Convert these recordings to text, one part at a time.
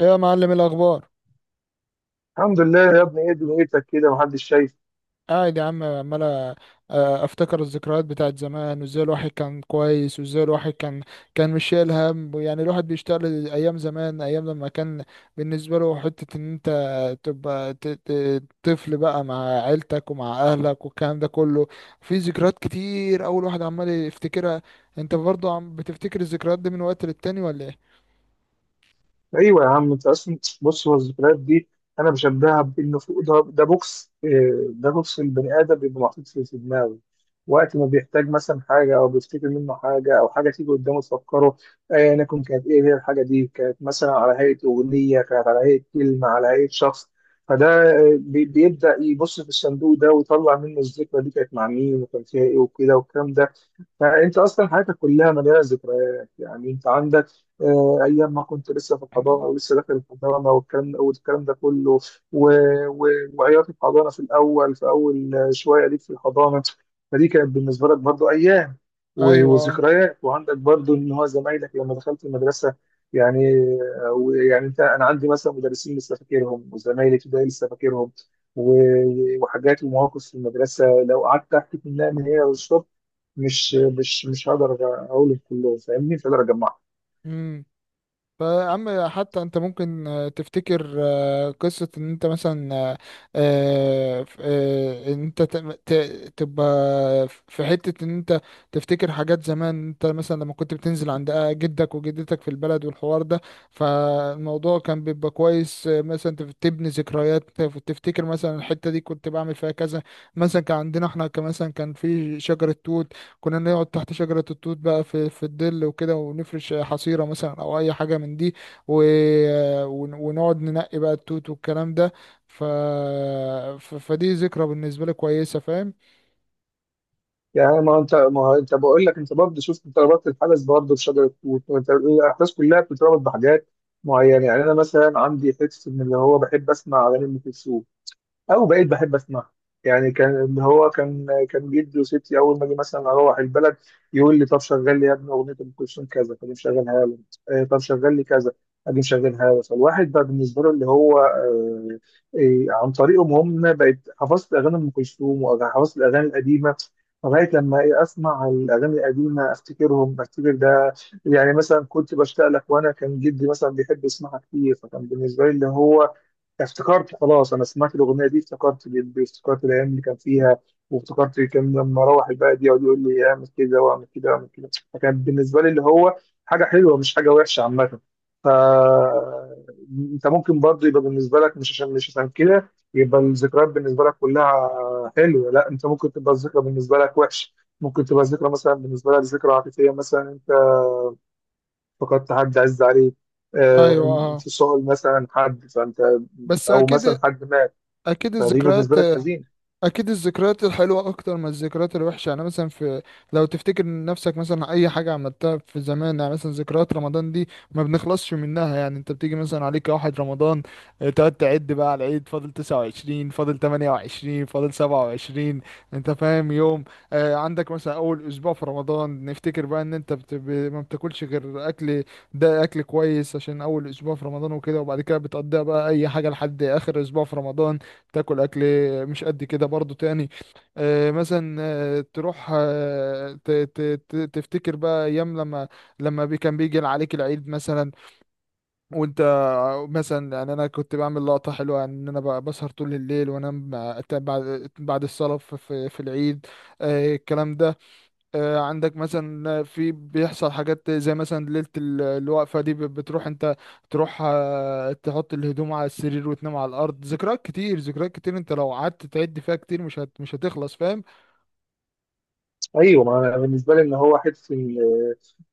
ايه يا معلم الاخبار؟ الحمد لله يا ابني، ايه دنيتك كده؟ محدش شايف. قاعد يا عم عمال افتكر الذكريات بتاعت زمان وازاي الواحد كان كويس وازاي الواحد كان مش شايل هم، يعني الواحد بيشتغل ايام زمان، ايام لما كان بالنسبه له حته ان انت تبقى طفل بقى مع عيلتك ومع اهلك والكلام ده كله. في ذكريات كتير اول واحد عمال يفتكرها. انت برضه عم بتفتكر الذكريات دي من وقت للتاني ولا ايه؟ ايوه يا عم، انت اصلا بص، هو الذكريات دي انا بشبهها بانه فوق ده, ده بوكس إيه، ده بوكس البني ادم بيبقى محطوط في دماغه. وقت ما بيحتاج مثلا حاجه او بيفتكر منه حاجه او حاجه تيجي قدامه تفكره. آه، انا كنت، كانت ايه هي الحاجه دي، كانت مثلا على هيئه اغنيه، كانت على هيئه كلمه، على هيئه شخص. فده بيبدا يبص في الصندوق ده ويطلع منه الذكرى دي، كانت مع مين وكان فيها ايه وكده والكلام ده. فانت اصلا حياتك كلها مليانه ذكريات، يعني انت عندك ايام ما كنت لسه في الحضانه ولسه داخل الحضانه والكلام ده كله. و... و... وعياط الحضانه في الاول، في اول شويه ليك في الحضانه، فدي كانت بالنسبه لك برضو ايام ايوه وذكريات. وعندك برضو ان هو زمايلك لما دخلت المدرسه يعني، ويعني انت، انا عندي مثلا مدرسين لسه فاكرهم، وزمايلي في ابتدائي لسه فاكرهم. و... وحاجات ومواقف في المدرسه لو قعدت احكي منها من هنا للصبح مش هقدر اقول، كله فاهمني، مش هقدر اجمعه. اه. فيا عم حتى انت ممكن تفتكر قصة ان انت مثلا ان انت تبقى في حتة ان انت تفتكر حاجات زمان، انت مثلا لما كنت بتنزل عند جدك وجدتك في البلد والحوار ده. فالموضوع كان بيبقى كويس، مثلا تبني ذكريات، تفتكر مثلا الحتة دي كنت بعمل فيها كذا. مثلا كان عندنا احنا، كان مثلا كان في شجرة توت، كنا نقعد تحت شجرة التوت بقى في الظل وكده، ونفرش حصيرة مثلا أو أي حاجة من دي و ونقعد ننقي بقى التوت والكلام ده. ف... فدي ذكرى بالنسبة لي كويسة، فاهم؟ يعني، ما هو انت بقول لك، انت برضه شفت، انت ربطت الحدث برضه بشجره توت، وانت الاحداث كلها بتتربط بحاجات معينه. يعني انا مثلا عندي حته ان اللي هو بحب اسمع اغاني ام كلثوم، او بقيت بحب اسمعها. يعني كان إن هو كان جدي وستي اول ما اجي مثلا اروح البلد يقول لي طب شغل لي يا ابني اغنيه ام كلثوم كذا، فاجي مشغلها له. طب شغل لي كذا، اجي مشغلها له. فالواحد بقى بالنسبه له اللي هو عن طريقهم هم بقيت حفظت اغاني ام كلثوم، وحفظت الاغاني القديمه، لغايه لما إيه اسمع الاغاني القديمه افتكرهم، افتكر ده. يعني مثلا كنت بشتاق لك، وانا كان جدي مثلا بيحب يسمعها كتير، فكان بالنسبه لي اللي هو افتكرت، خلاص انا سمعت الاغنيه دي افتكرت جدي، وافتكرت الايام اللي كان فيها، وافتكرت كان لما اروح البلد يقعد يقول لي اعمل كده واعمل كده واعمل كده. فكان بالنسبه لي اللي هو حاجه حلوه، مش حاجه وحشه عامه. ف انت ممكن برضه يبقى بالنسبه لك، مش عشان مش عشان كده يبقى الذكريات بالنسبه لك كلها حلوه، لا، انت ممكن تبقى الذكرى بالنسبه لك وحش. ممكن تبقى الذكرى مثلا بالنسبه لك ذكرى عاطفيه، مثلا انت فقدت حد عز عليك، آه، أيوة أه. انفصال مثلا حد، فانت بس او أكيد. مثلا حد مات، أكيد فدي الذكريات. بالنسبه لك حزين. اكيد الذكريات الحلوه اكتر من الذكريات الوحشه. يعني مثلا في، لو تفتكر نفسك مثلا اي حاجه عملتها في زمان، يعني مثلا ذكريات رمضان دي ما بنخلصش منها. يعني انت بتيجي مثلا عليك واحد رمضان، تقعد تعد بقى على العيد فاضل 29 فاضل 28 فاضل 27، انت فاهم يوم؟ عندك مثلا اول اسبوع في رمضان نفتكر بقى ان انت ما بتاكلش غير اكل، ده اكل كويس عشان اول اسبوع في رمضان وكده، وبعد كده بتقضيها بقى اي حاجه لحد اخر اسبوع في رمضان. تاكل اكل مش قد كده برضو تاني. مثلا تروح تفتكر بقى ايام لما لما كان بيجي عليك العيد مثلا وانت مثلا، يعني انا كنت بعمل لقطه حلوه، يعني ان انا بسهر طول الليل وانام بعد الصلاه في العيد، الكلام ده. عندك مثلا في بيحصل حاجات زي مثلا ليلة الوقفة دي بتروح انت، تروح تحط الهدوم على السرير وتنام على الأرض. ذكريات كتير، ذكريات كتير انت لو قعدت تعد فيها كتير مش هتخلص، فاهم؟ ايوه، ما انا بالنسبه لي ان هو حته إن،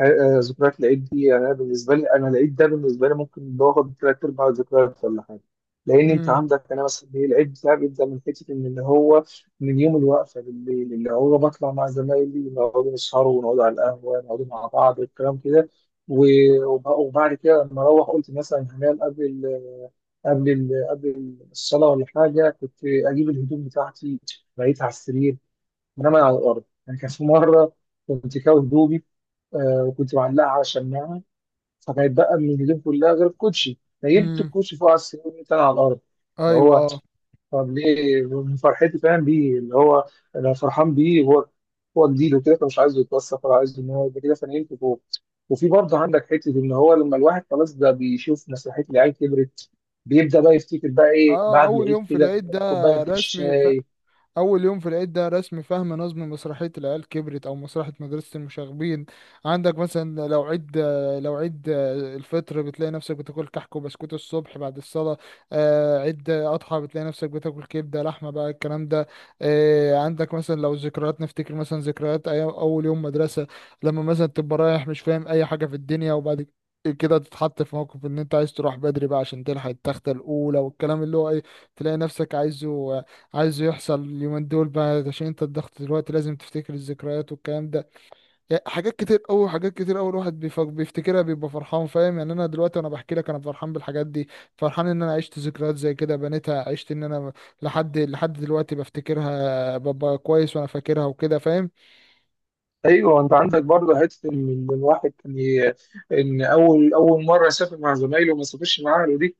آه، ذكريات العيد دي، يعني انا بالنسبه لي، انا العيد ده بالنسبه لي ممكن باخد ثلاث ارباع الذكريات ولا حاجه. لان انت امم. عندك، انا مثلا إيه، العيد بتاعي بيبدا من حته ان اللي هو من يوم الوقفه بالليل، اللي هو بطلع مع زمايلي نقعدوا نسهروا، ونقعدوا على القهوه، نقعدوا مع بعض والكلام كده. وبعد كده لما اروح، قلت مثلا هنام قبل ال قبل الصلاه ولا حاجه، كنت اجيب الهدوم بتاعتي بقيت على السرير، بنام على الارض. يعني كان في مره كنت كاوي هدومي، آه، وكنت معلقه على شماعه، فكانت بقى من الهدوم كلها غير الكوتشي، نيمت امم. الكوتشي فوق على السرير وقمت انا على الارض. اللي ايوه هو، اه. طب ليه؟ من فرحتي، فاهم بيه؟ اللي هو انا فرحان بيه، هو هو جديد وكده، فمش عايزه يتوسخ، ولا عايزه ان هو يبقى كده، فنيمت فوق. وفي برضه عندك حته ان هو لما الواحد خلاص ده بيشوف مسرحيه العيال كبرت، بيبدا بقى يفتكر بقى ايه اه بعد اول العيد يوم في كده، العيد ده كوبايه رسمي. الشاي. أول يوم في العيد ده رسم فهم نظم مسرحية العيال كبرت أو مسرحية مدرسة المشاغبين. عندك مثلا لو عيد، لو عيد الفطر بتلاقي نفسك بتاكل كحك وبسكوت الصبح بعد الصلاة. عيد أضحى بتلاقي نفسك بتاكل كبدة لحمة بقى، الكلام ده. عندك مثلا لو الذكريات نفتكر مثلا ذكريات أيام أول يوم مدرسة، لما مثلا تبقى رايح مش فاهم أي حاجة في الدنيا، وبعد كده تتحط في موقف ان انت عايز تروح بدري بقى عشان تلحق التختة الاولى والكلام اللي هو ايه. تلاقي نفسك عايزه يحصل اليومين دول بقى عشان انت الضغط دلوقتي لازم تفتكر الذكريات والكلام ده. يعني حاجات كتير قوي، حاجات كتير قوي الواحد بيفتكرها بيبقى فرحان، فاهم؟ يعني انا دلوقتي وانا بحكي لك انا فرحان بالحاجات دي، فرحان ان انا عشت ذكريات زي كده بنيتها، عشت ان انا لحد دلوقتي بفتكرها ببقى كويس وانا فاكرها وكده، فاهم؟ ايوه، انت عندك برضه حته ان إن الواحد ان اول مره سافر مع زمايله وما سافرش معاه، دي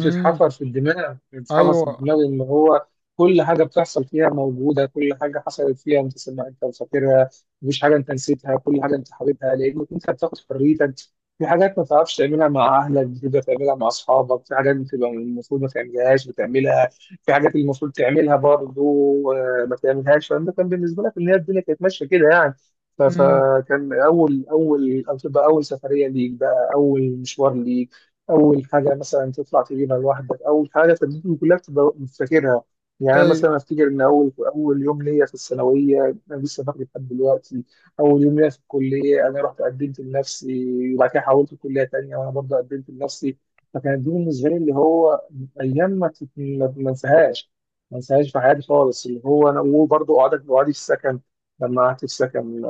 امم. في الدماغ، ايوه. اللي هو كل حاجة بتحصل فيها موجودة، كل حاجة حصلت فيها انت سمع انت فاكرها، مفيش حاجة انت نسيتها، كل حاجة انت حاببها لأنك انت بتاخد حريتك. في حاجات ما تعرفش تعملها مع أهلك بتبدأ تعملها مع أصحابك، في حاجات بتبقى المفروض ما تعملهاش بتعملها، في حاجات اللي المفروض تعملها برضه ما تعملهاش. فأنت كان بالنسبة لك إن هي الدنيا كانت ماشية كده يعني. امم. فكان أول أول أو تبقى أول سفرية ليك بقى، أول مشوار ليك، اول حاجه مثلا تطلع تجيبها لوحدك، اول حاجه، فالدنيا كلها بتبقى فاكرها. يعني أنا ايوه. مثلا افتكر ان اول يوم ليا في الثانويه انا لسه فاكر لحد دلوقتي. اول يوم ليا في الكليه انا رحت قدمت لنفسي، وبعد كده حولت كليه تانيه وانا برضه قدمت لنفسي. فكانت دي بالنسبه لي اللي هو ايام ما انساهاش، ما انساهاش في حياتي خالص. اللي هو انا وبرضه قعدت في السكن، لما قعدت في سكن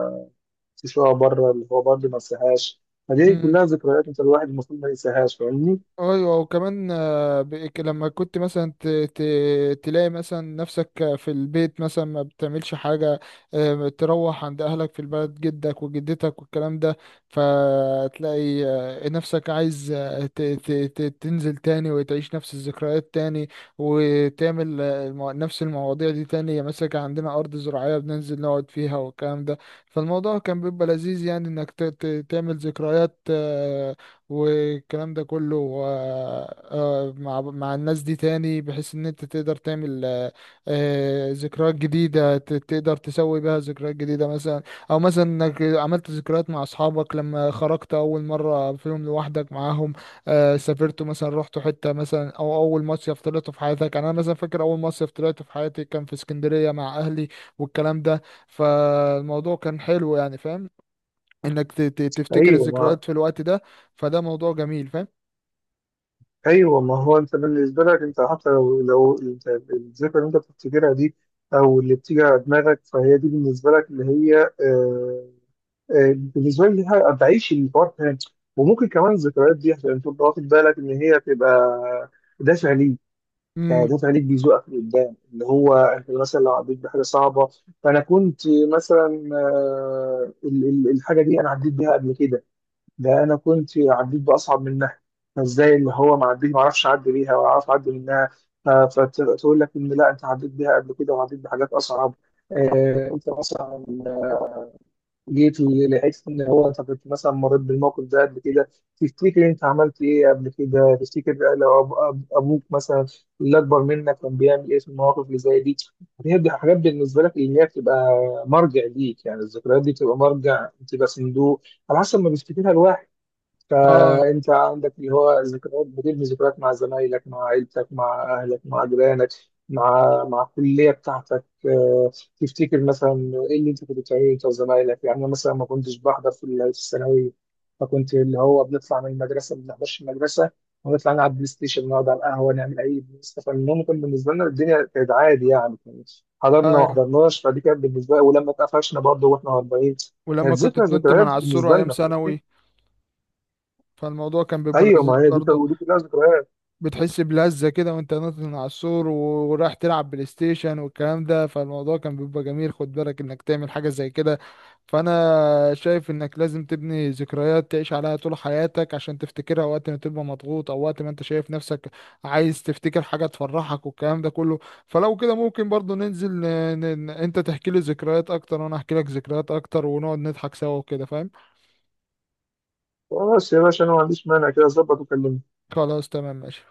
في شقه بره، اللي هو برضه ما انساهاش. فدي امم. كلها ذكريات، انت الواحد المفروض ما ينساهاش، فاهمني؟ ايوه وكمان لما كنت مثلا تلاقي مثلا نفسك في البيت مثلا ما بتعملش حاجه، تروح عند اهلك في البلد، جدك وجدتك والكلام ده، فتلاقي نفسك عايز تنزل تاني وتعيش نفس الذكريات تاني، وتعمل نفس المواضيع دي تاني. يعني مثلا كان عندنا ارض زراعيه بننزل نقعد فيها والكلام ده، فالموضوع كان بيبقى لذيذ، يعني انك تعمل ذكريات والكلام ده كله آه، مع الناس دي تاني، بحيث ان انت تقدر تعمل ذكريات جديدة، تقدر تسوي بها ذكريات جديدة مثلا. او مثلا انك عملت ذكريات مع اصحابك لما خرجت اول مرة فيهم، لوحدك معاهم سافرتوا مثلا، رحتوا حتة مثلا، او اول مصيف طلعته في حياتك. يعني انا مثلا فاكر اول مصيف طلعته في حياتي كان في اسكندرية مع اهلي والكلام ده، فالموضوع كان حلو، يعني فاهم انك تفتكر ايوه ما الذكريات في الوقت ده؟ فده موضوع جميل، فاهم؟ ايوه، ما هو انت بالنسبه لك انت حتى لو، انت الذكرى اللي انت بتفتكرها دي او اللي بتيجي على دماغك، فهي دي بالنسبه لك اللي هي آه، آه، بالنسبه لي ليها- بعيش الحوار تاني. وممكن كمان الذكريات دي، عشان تبقى واخد بالك، ان هي تبقى دافع ليك، يعني امم دافع ليك بيزوقك لقدام. اللي هو انت مثلا لو عديت بحاجه صعبه، فانا كنت مثلا، آه، الحاجه دي انا عديت بيها قبل كده، ده انا كنت عديت باصعب منها، فازاي اللي هو ما عديت، ما اعرفش اعدي بيها ولا اعرف اعدي منها. ف- فتقول لك ان لا، انت عديت بيها قبل كده وعديت بحاجات اصعب. انت مثلا جيت لقيت ان هو انت كنت مثلا مريت بالموقف ده قبل كده، تفتكر انت عملت ايه قبل كده، تفتكر لو ابوك مثلا اللي اكبر منك كان بيعمل ايه في المواقف اللي زي دي. هي دي حاجات بالنسبه لك اللي هي بتبقى مرجع ليك، يعني الذكريات دي بتبقى مرجع، بتبقى صندوق على حسب ما بيفتكرها الواحد. اه. فانت عندك اللي هو ذكريات بتبني ذكريات مع زمايلك، مع عيلتك، مع اهلك، مع جيرانك، مع الكليه بتاعتك. تفتكر مثلا ايه اللي انت كنت بتعمله انت وزمايلك. يعني انا مثلا ما كنتش بحضر في الثانويه، فكنت اللي هو بنطلع من المدرسه، ما بنحضرش المدرسه، ونطلع نلعب بلاي ستيشن، نقعد على القهوه، نعمل اي بلاي. فالمهم كان بالنسبه لنا الدنيا كانت عادي يعني، حضرنا ما ايوه. حضرناش، فدي كانت بالنسبه لي، ولما اتقفشنا برضه واحنا 40، ولما كانت كنت ذكرى، تنط من ذكريات على السور بالنسبه ايام لنا. ثانوي، فالموضوع كان بيبقى ايوه، ما لذيذ هي دي كانت- برضه. ودي كلها ذكريات. بتحس بلذة كده وانت نازل من على السور ورايح تلعب بلاي ستيشن والكلام ده، فالموضوع كان بيبقى جميل. خد بالك انك تعمل حاجة زي كده. فانا شايف انك لازم تبني ذكريات تعيش عليها طول حياتك، عشان تفتكرها وقت ما تبقى مضغوط او وقت ما انت شايف نفسك عايز تفتكر حاجة تفرحك والكلام ده كله. فلو كده ممكن برضو انت تحكي لي ذكريات اكتر وانا احكي لك ذكريات اكتر ونقعد نضحك سوا وكده، فاهم؟ بس يا باشا، انا ما عنديش مانع، كده اظبط وكلمني. خلاص تمام ماشي.